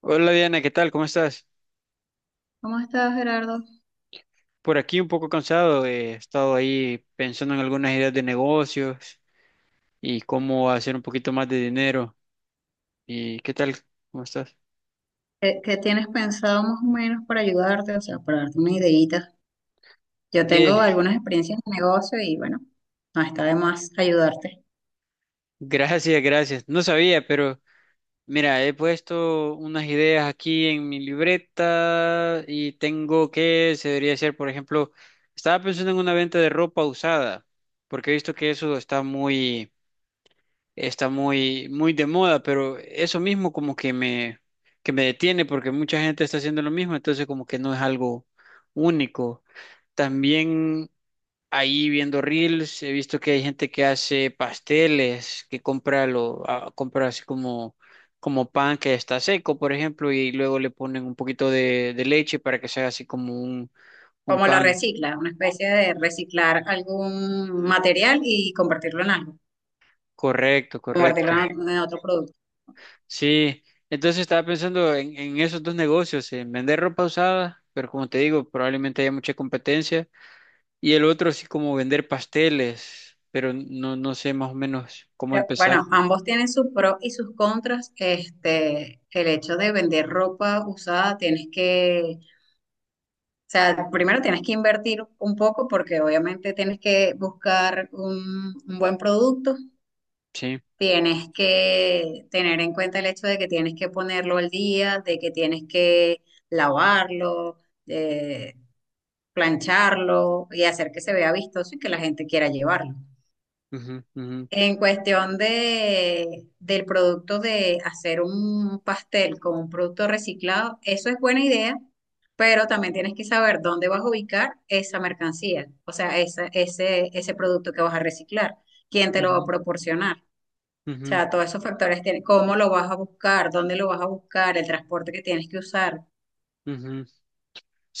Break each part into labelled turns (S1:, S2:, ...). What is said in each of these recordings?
S1: Hola Diana, ¿qué tal? ¿Cómo estás?
S2: ¿Cómo estás, Gerardo?
S1: Por aquí un poco cansado, he estado ahí pensando en algunas ideas de negocios y cómo hacer un poquito más de dinero. ¿Y qué tal? ¿Cómo estás?
S2: ¿Qué tienes pensado más o menos para ayudarte? O sea, para darte una ideita. Yo
S1: Eh,
S2: tengo algunas experiencias de negocio y bueno, no está de más ayudarte.
S1: Gracias, gracias. No sabía, pero mira, he puesto unas ideas aquí en mi libreta y tengo que, se debería hacer, por ejemplo, estaba pensando en una venta de ropa usada, porque he visto que eso está muy, muy de moda, pero eso mismo como que que me detiene porque mucha gente está haciendo lo mismo, entonces como que no es algo único. También ahí viendo reels he visto que hay gente que hace pasteles, que compra así como pan que está seco, por ejemplo, y luego le ponen un poquito de leche para que sea así como un
S2: ¿Cómo lo
S1: pan.
S2: recicla? Una especie de reciclar algún material y convertirlo en algo,
S1: Correcto,
S2: convertirlo
S1: correcto.
S2: en otro producto.
S1: Sí, entonces estaba pensando en esos dos negocios, en vender ropa usada, pero como te digo, probablemente haya mucha competencia, y el otro sí como vender pasteles, pero no sé más o menos cómo empezar.
S2: Bueno, ambos tienen sus pros y sus contras. Este, el hecho de vender ropa usada, tienes que. O sea, primero tienes que invertir un poco porque obviamente tienes que buscar un buen producto,
S1: Sí.
S2: tienes que tener en cuenta el hecho de que tienes que ponerlo al día, de que tienes que lavarlo, eh, plancharlo y hacer que se vea vistoso y que la gente quiera llevarlo.
S1: Ujú, ujú,
S2: En cuestión de, del producto de hacer un pastel con un producto reciclado, eso es buena idea, pero también tienes que saber dónde vas a ubicar esa mercancía, o sea, esa, ese producto que vas a reciclar, quién te lo va a
S1: ujú,
S2: proporcionar. O sea, todos esos factores, cómo lo vas a buscar, dónde lo vas a buscar, el transporte que tienes que usar,
S1: ujú, ujú.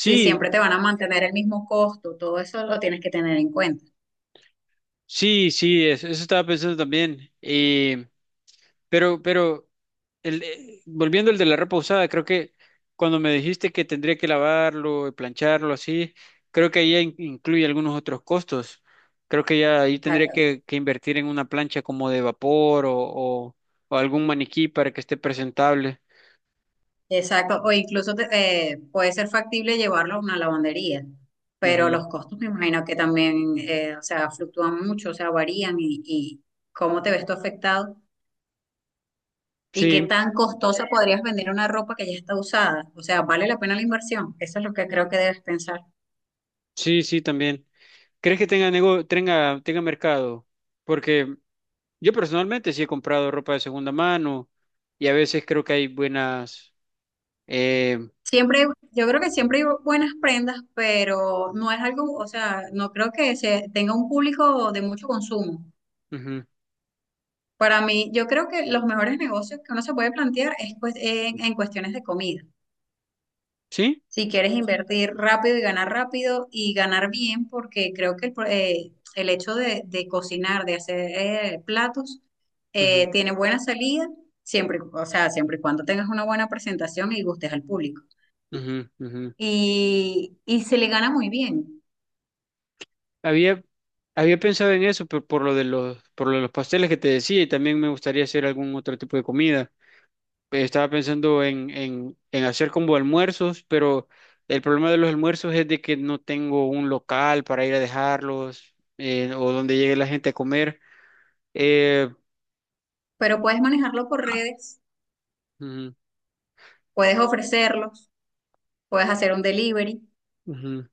S2: si siempre te van a mantener el mismo costo, todo eso lo tienes que tener en cuenta.
S1: sí, sí, eso estaba pensando también. Pero, pero, Volviendo al de la ropa usada, creo que cuando me dijiste que tendría que lavarlo, plancharlo, así, creo que ahí ya incluye algunos otros costos. Creo que ya ahí tendría que invertir en una plancha como de vapor o algún maniquí para que esté presentable.
S2: Exacto, o incluso puede ser factible llevarlo a una lavandería, pero
S1: Ujú.
S2: los costos me imagino que también, o sea, fluctúan mucho, o sea, varían y cómo te ves tú afectado y qué
S1: Sí,
S2: tan costosa podrías vender una ropa que ya está usada, o sea, ¿vale la pena la inversión? Eso es lo que creo que debes pensar.
S1: sí, sí, también. ¿Crees que tenga mercado? Porque yo personalmente sí he comprado ropa de segunda mano y a veces creo que hay buenas. Eh,
S2: Siempre, yo creo que siempre hay buenas prendas, pero no es algo, o sea, no creo que se tenga un público de mucho consumo.
S1: ujú.
S2: Para mí, yo creo que los mejores negocios que uno se puede plantear es pues, en cuestiones de comida.
S1: Sí.
S2: Si quieres invertir rápido y ganar bien, porque creo que el hecho de cocinar, de hacer platos,
S1: Ujú,
S2: tiene buena salida, siempre, o sea, siempre y cuando tengas una buena presentación y gustes al público.
S1: ujú, ujú.
S2: Y se le gana muy bien,
S1: Había, había pensado en eso por lo de los pasteles que te decía y también me gustaría hacer algún otro tipo de comida. Estaba pensando en hacer como almuerzos, pero el problema de los almuerzos es de que no tengo un local para ir a dejarlos, o donde llegue la gente a comer. Eh,
S2: pero puedes manejarlo por redes,
S1: ujú,
S2: puedes ofrecerlos, puedes hacer un delivery.
S1: ujú.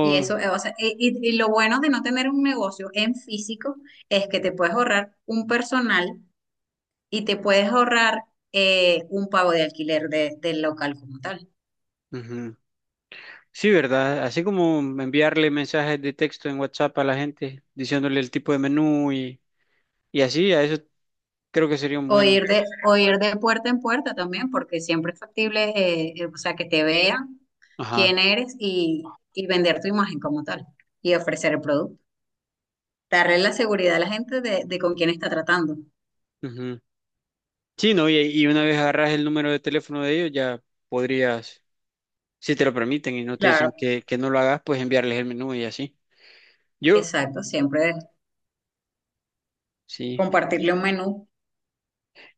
S2: Y eso, o sea, y lo bueno de no tener un negocio en físico es que te puedes ahorrar un personal y te puedes ahorrar un pago de alquiler del local como tal.
S1: ujú. Sí, ¿verdad? Así como enviarle mensajes de texto en WhatsApp a la gente diciéndole el tipo de menú y así, a eso creo que sería un buen...
S2: O ir de puerta en puerta también, porque siempre es factible, o sea, que te vean
S1: Ajá.
S2: quién eres y vender tu imagen como tal y ofrecer el producto. Darle la seguridad a la gente de con quién está tratando.
S1: Ujú. Sí, ¿no? Y una vez agarras el número de teléfono de ellos, ya podrías, si te lo permiten y no te dicen
S2: Claro,
S1: que no lo hagas, pues enviarles el menú y así. Yo,
S2: exacto, siempre
S1: sí.
S2: compartirle un menú.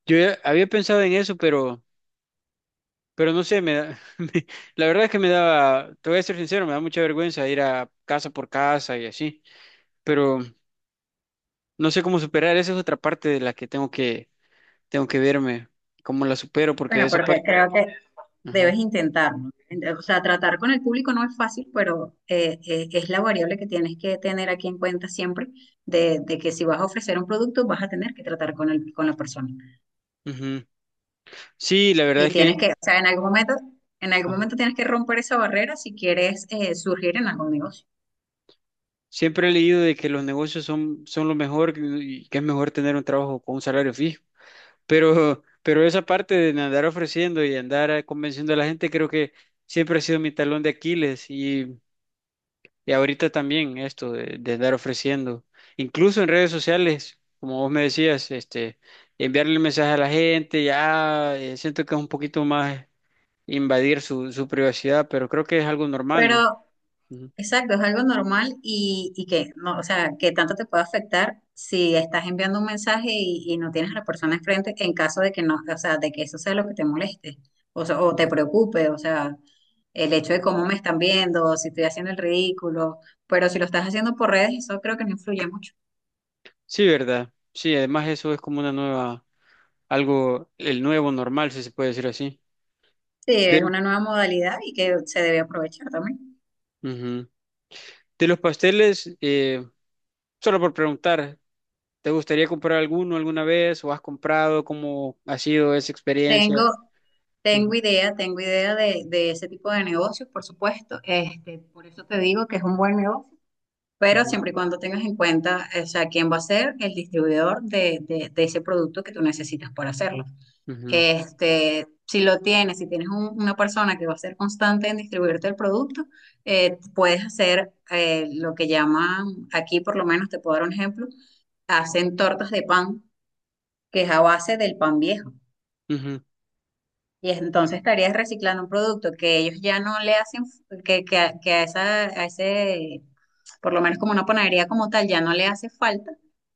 S1: Yo ya había pensado en eso, pero no sé, la verdad es que me daba, te voy a ser sincero, me da mucha vergüenza ir a casa por casa y así, pero no sé cómo superar, esa es otra parte de la que tengo tengo que verme, cómo la supero, porque
S2: Bueno,
S1: esa
S2: porque
S1: parte,
S2: creo que
S1: ajá,
S2: debes intentarlo. O sea, tratar con el público no es fácil, pero es la variable que tienes que tener aquí en cuenta siempre, de que si vas a ofrecer un producto, vas a tener que tratar con el, con la persona.
S1: ujú. Sí, la verdad
S2: Y
S1: es
S2: tienes
S1: que
S2: que, o sea, en algún
S1: ajá,
S2: momento tienes que romper esa barrera si quieres surgir en algún negocio.
S1: siempre he leído de que los negocios son lo mejor y que es mejor tener un trabajo con un salario fijo. Pero, pero esa parte de andar ofreciendo y andar convenciendo a la gente, creo que siempre ha sido mi talón de Aquiles y ahorita también esto de andar ofreciendo. Incluso en redes sociales, como vos me decías, este, enviarle mensaje a la gente, ya siento que es un poquito más invadir su privacidad, pero creo que es algo normal, ¿no?
S2: Pero exacto, es algo normal y que no, o sea, que tanto te puede afectar si estás enviando un mensaje y no tienes a la persona enfrente en caso de que no, o sea, de que eso sea lo que te moleste o, sea, o te
S1: Ujú.
S2: preocupe, o sea, el hecho de cómo me están viendo, si estoy haciendo el ridículo, pero si lo estás haciendo por redes, eso creo que no influye mucho.
S1: Sí, ¿verdad? Sí, además eso es como una nueva, algo, el nuevo normal, si se puede decir así.
S2: Sí, es
S1: Pero,
S2: una nueva modalidad y que se debe aprovechar también.
S1: ujú. De los pasteles, solo por preguntar, ¿te gustaría comprar alguno alguna vez o has comprado? ¿Cómo ha sido esa
S2: Tengo,
S1: experiencia? Ujú,
S2: tengo idea de ese tipo de negocios, por supuesto, este, por eso te digo que es un buen negocio, pero
S1: ujú,
S2: siempre y cuando tengas en cuenta, o sea, quién va a ser el distribuidor de, de ese producto que tú necesitas para hacerlo.
S1: ujú,
S2: Este, si lo tienes, si tienes una persona que va a ser constante en distribuirte el producto, puedes hacer lo que llaman, aquí por lo menos te puedo dar un ejemplo, hacen tortas de pan, que es a base del pan viejo.
S1: ujú,
S2: Entonces estarías reciclando un producto que ellos ya no le hacen, que, que a, esa, a ese, por lo menos como una panadería como tal, ya no le hace falta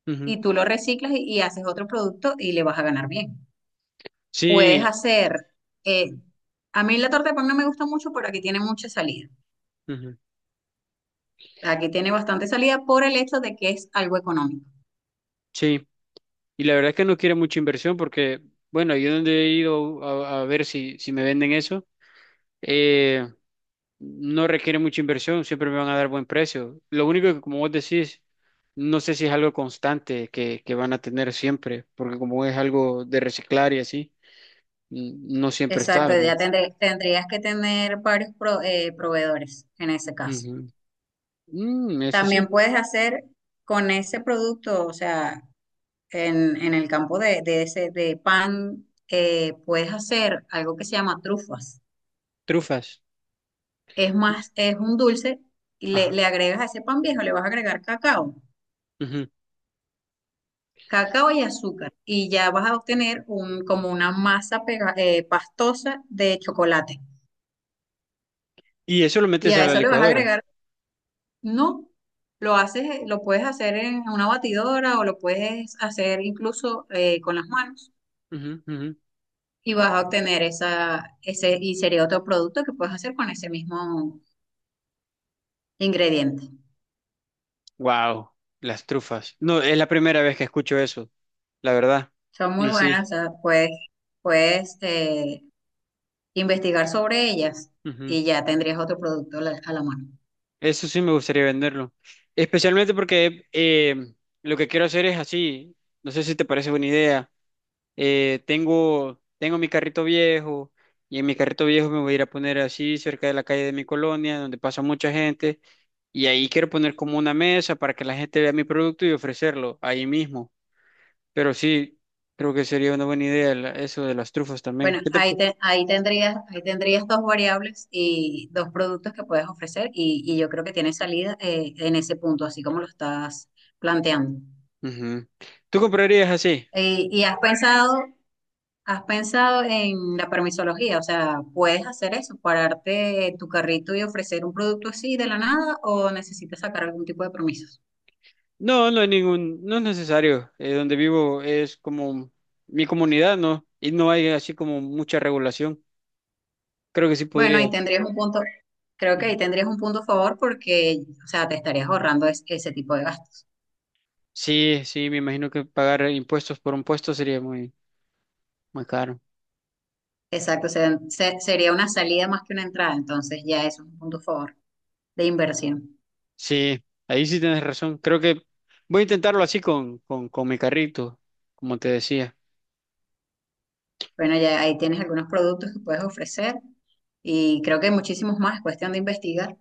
S1: ujú.
S2: y tú lo reciclas y haces otro producto y le vas a ganar bien. Puedes
S1: Sí,
S2: hacer, eh, a mí la torta de pan no me gusta mucho, pero aquí tiene mucha salida.
S1: ujú,
S2: Aquí tiene bastante salida por el hecho de que es algo económico.
S1: sí. Y la verdad es que no quiere mucha inversión porque, bueno, yo donde he ido a ver si me venden eso. Eh, no requiere mucha inversión, siempre me van a dar buen precio. Lo único que, como vos decís, no sé si es algo constante que van a tener siempre, porque como es algo de reciclar y así, n- no siempre está,
S2: Exacto,
S1: ¿verdad?
S2: tendrías que tener varios proveedores en ese caso.
S1: Ujú. Mm, eso
S2: También
S1: sí,
S2: puedes hacer con ese producto, o sea, en el campo de ese, de pan, puedes hacer algo que se llama trufas.
S1: trufas.
S2: Es más, es un dulce y le,
S1: Ajá.
S2: le agregas a ese pan viejo, le vas a agregar cacao,
S1: Ujú.
S2: cacao y azúcar y ya vas a obtener un, como una masa pastosa de chocolate.
S1: Y eso lo
S2: Y
S1: metes a
S2: a
S1: la
S2: eso le vas a
S1: licuadora.
S2: agregar, no, lo haces, lo puedes hacer en una batidora o lo puedes hacer incluso con las manos y vas a obtener esa, ese, y sería otro producto que puedes hacer con ese mismo ingrediente.
S1: Wow, las trufas. No, es la primera vez que escucho eso, la verdad.
S2: Son muy
S1: Y sí.
S2: buenas, o sea, puedes, puedes investigar sobre ellas
S1: Ujú.
S2: y ya tendrías otro producto a la mano.
S1: Eso sí me gustaría venderlo. Especialmente porque lo que quiero hacer es así. No sé si te parece buena idea. Tengo mi carrito viejo y en mi carrito viejo me voy a ir a poner así cerca de la calle de mi colonia, donde pasa mucha gente. Y ahí quiero poner como una mesa para que la gente vea mi producto y ofrecerlo ahí mismo. Pero sí, creo que sería una buena idea eso de las trufas también.
S2: Bueno,
S1: ¿Qué te pa-
S2: ahí, ahí tendrías dos variables y dos productos que puedes ofrecer y yo creo que tienes salida en ese punto, así como lo estás planteando.
S1: Ujú. ¿Tú comprarías así?
S2: ¿Y has pensado en la permisología? O sea, ¿puedes hacer eso, pararte tu carrito y ofrecer un producto así de la nada o necesitas sacar algún tipo de permisos?
S1: No, no hay ningún, no es necesario. Donde vivo es como mi comunidad, ¿no? Y no hay así como mucha regulación. Creo que sí
S2: Bueno,
S1: podría.
S2: ahí tendrías un punto, creo que
S1: Ujú.
S2: ahí tendrías un punto a favor porque, o sea, te estarías ahorrando ese tipo de gastos.
S1: Sí, sí, me imagino que pagar impuestos por un puesto sería muy, muy caro.
S2: Exacto, sería una salida más que una entrada, entonces ya eso es un punto a favor de inversión.
S1: Sí, ahí sí tienes razón. Creo que voy a intentarlo así con mi carrito, como te decía.
S2: Bueno, ya ahí tienes algunos productos que puedes ofrecer y creo que hay muchísimos más, es cuestión de investigar.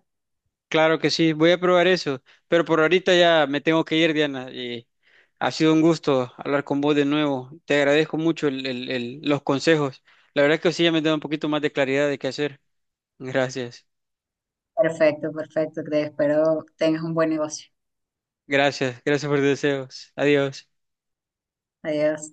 S1: Claro que sí, voy a probar eso, pero por ahorita ya me tengo que ir, Diana, y ha sido un gusto hablar con vos de nuevo. Te agradezco mucho los consejos. La verdad es que sí, ya me da un poquito más de claridad de qué hacer. Gracias,
S2: Perfecto, perfecto, te espero tengas un buen negocio.
S1: gracias, gracias por tus deseos. Adiós.
S2: Adiós.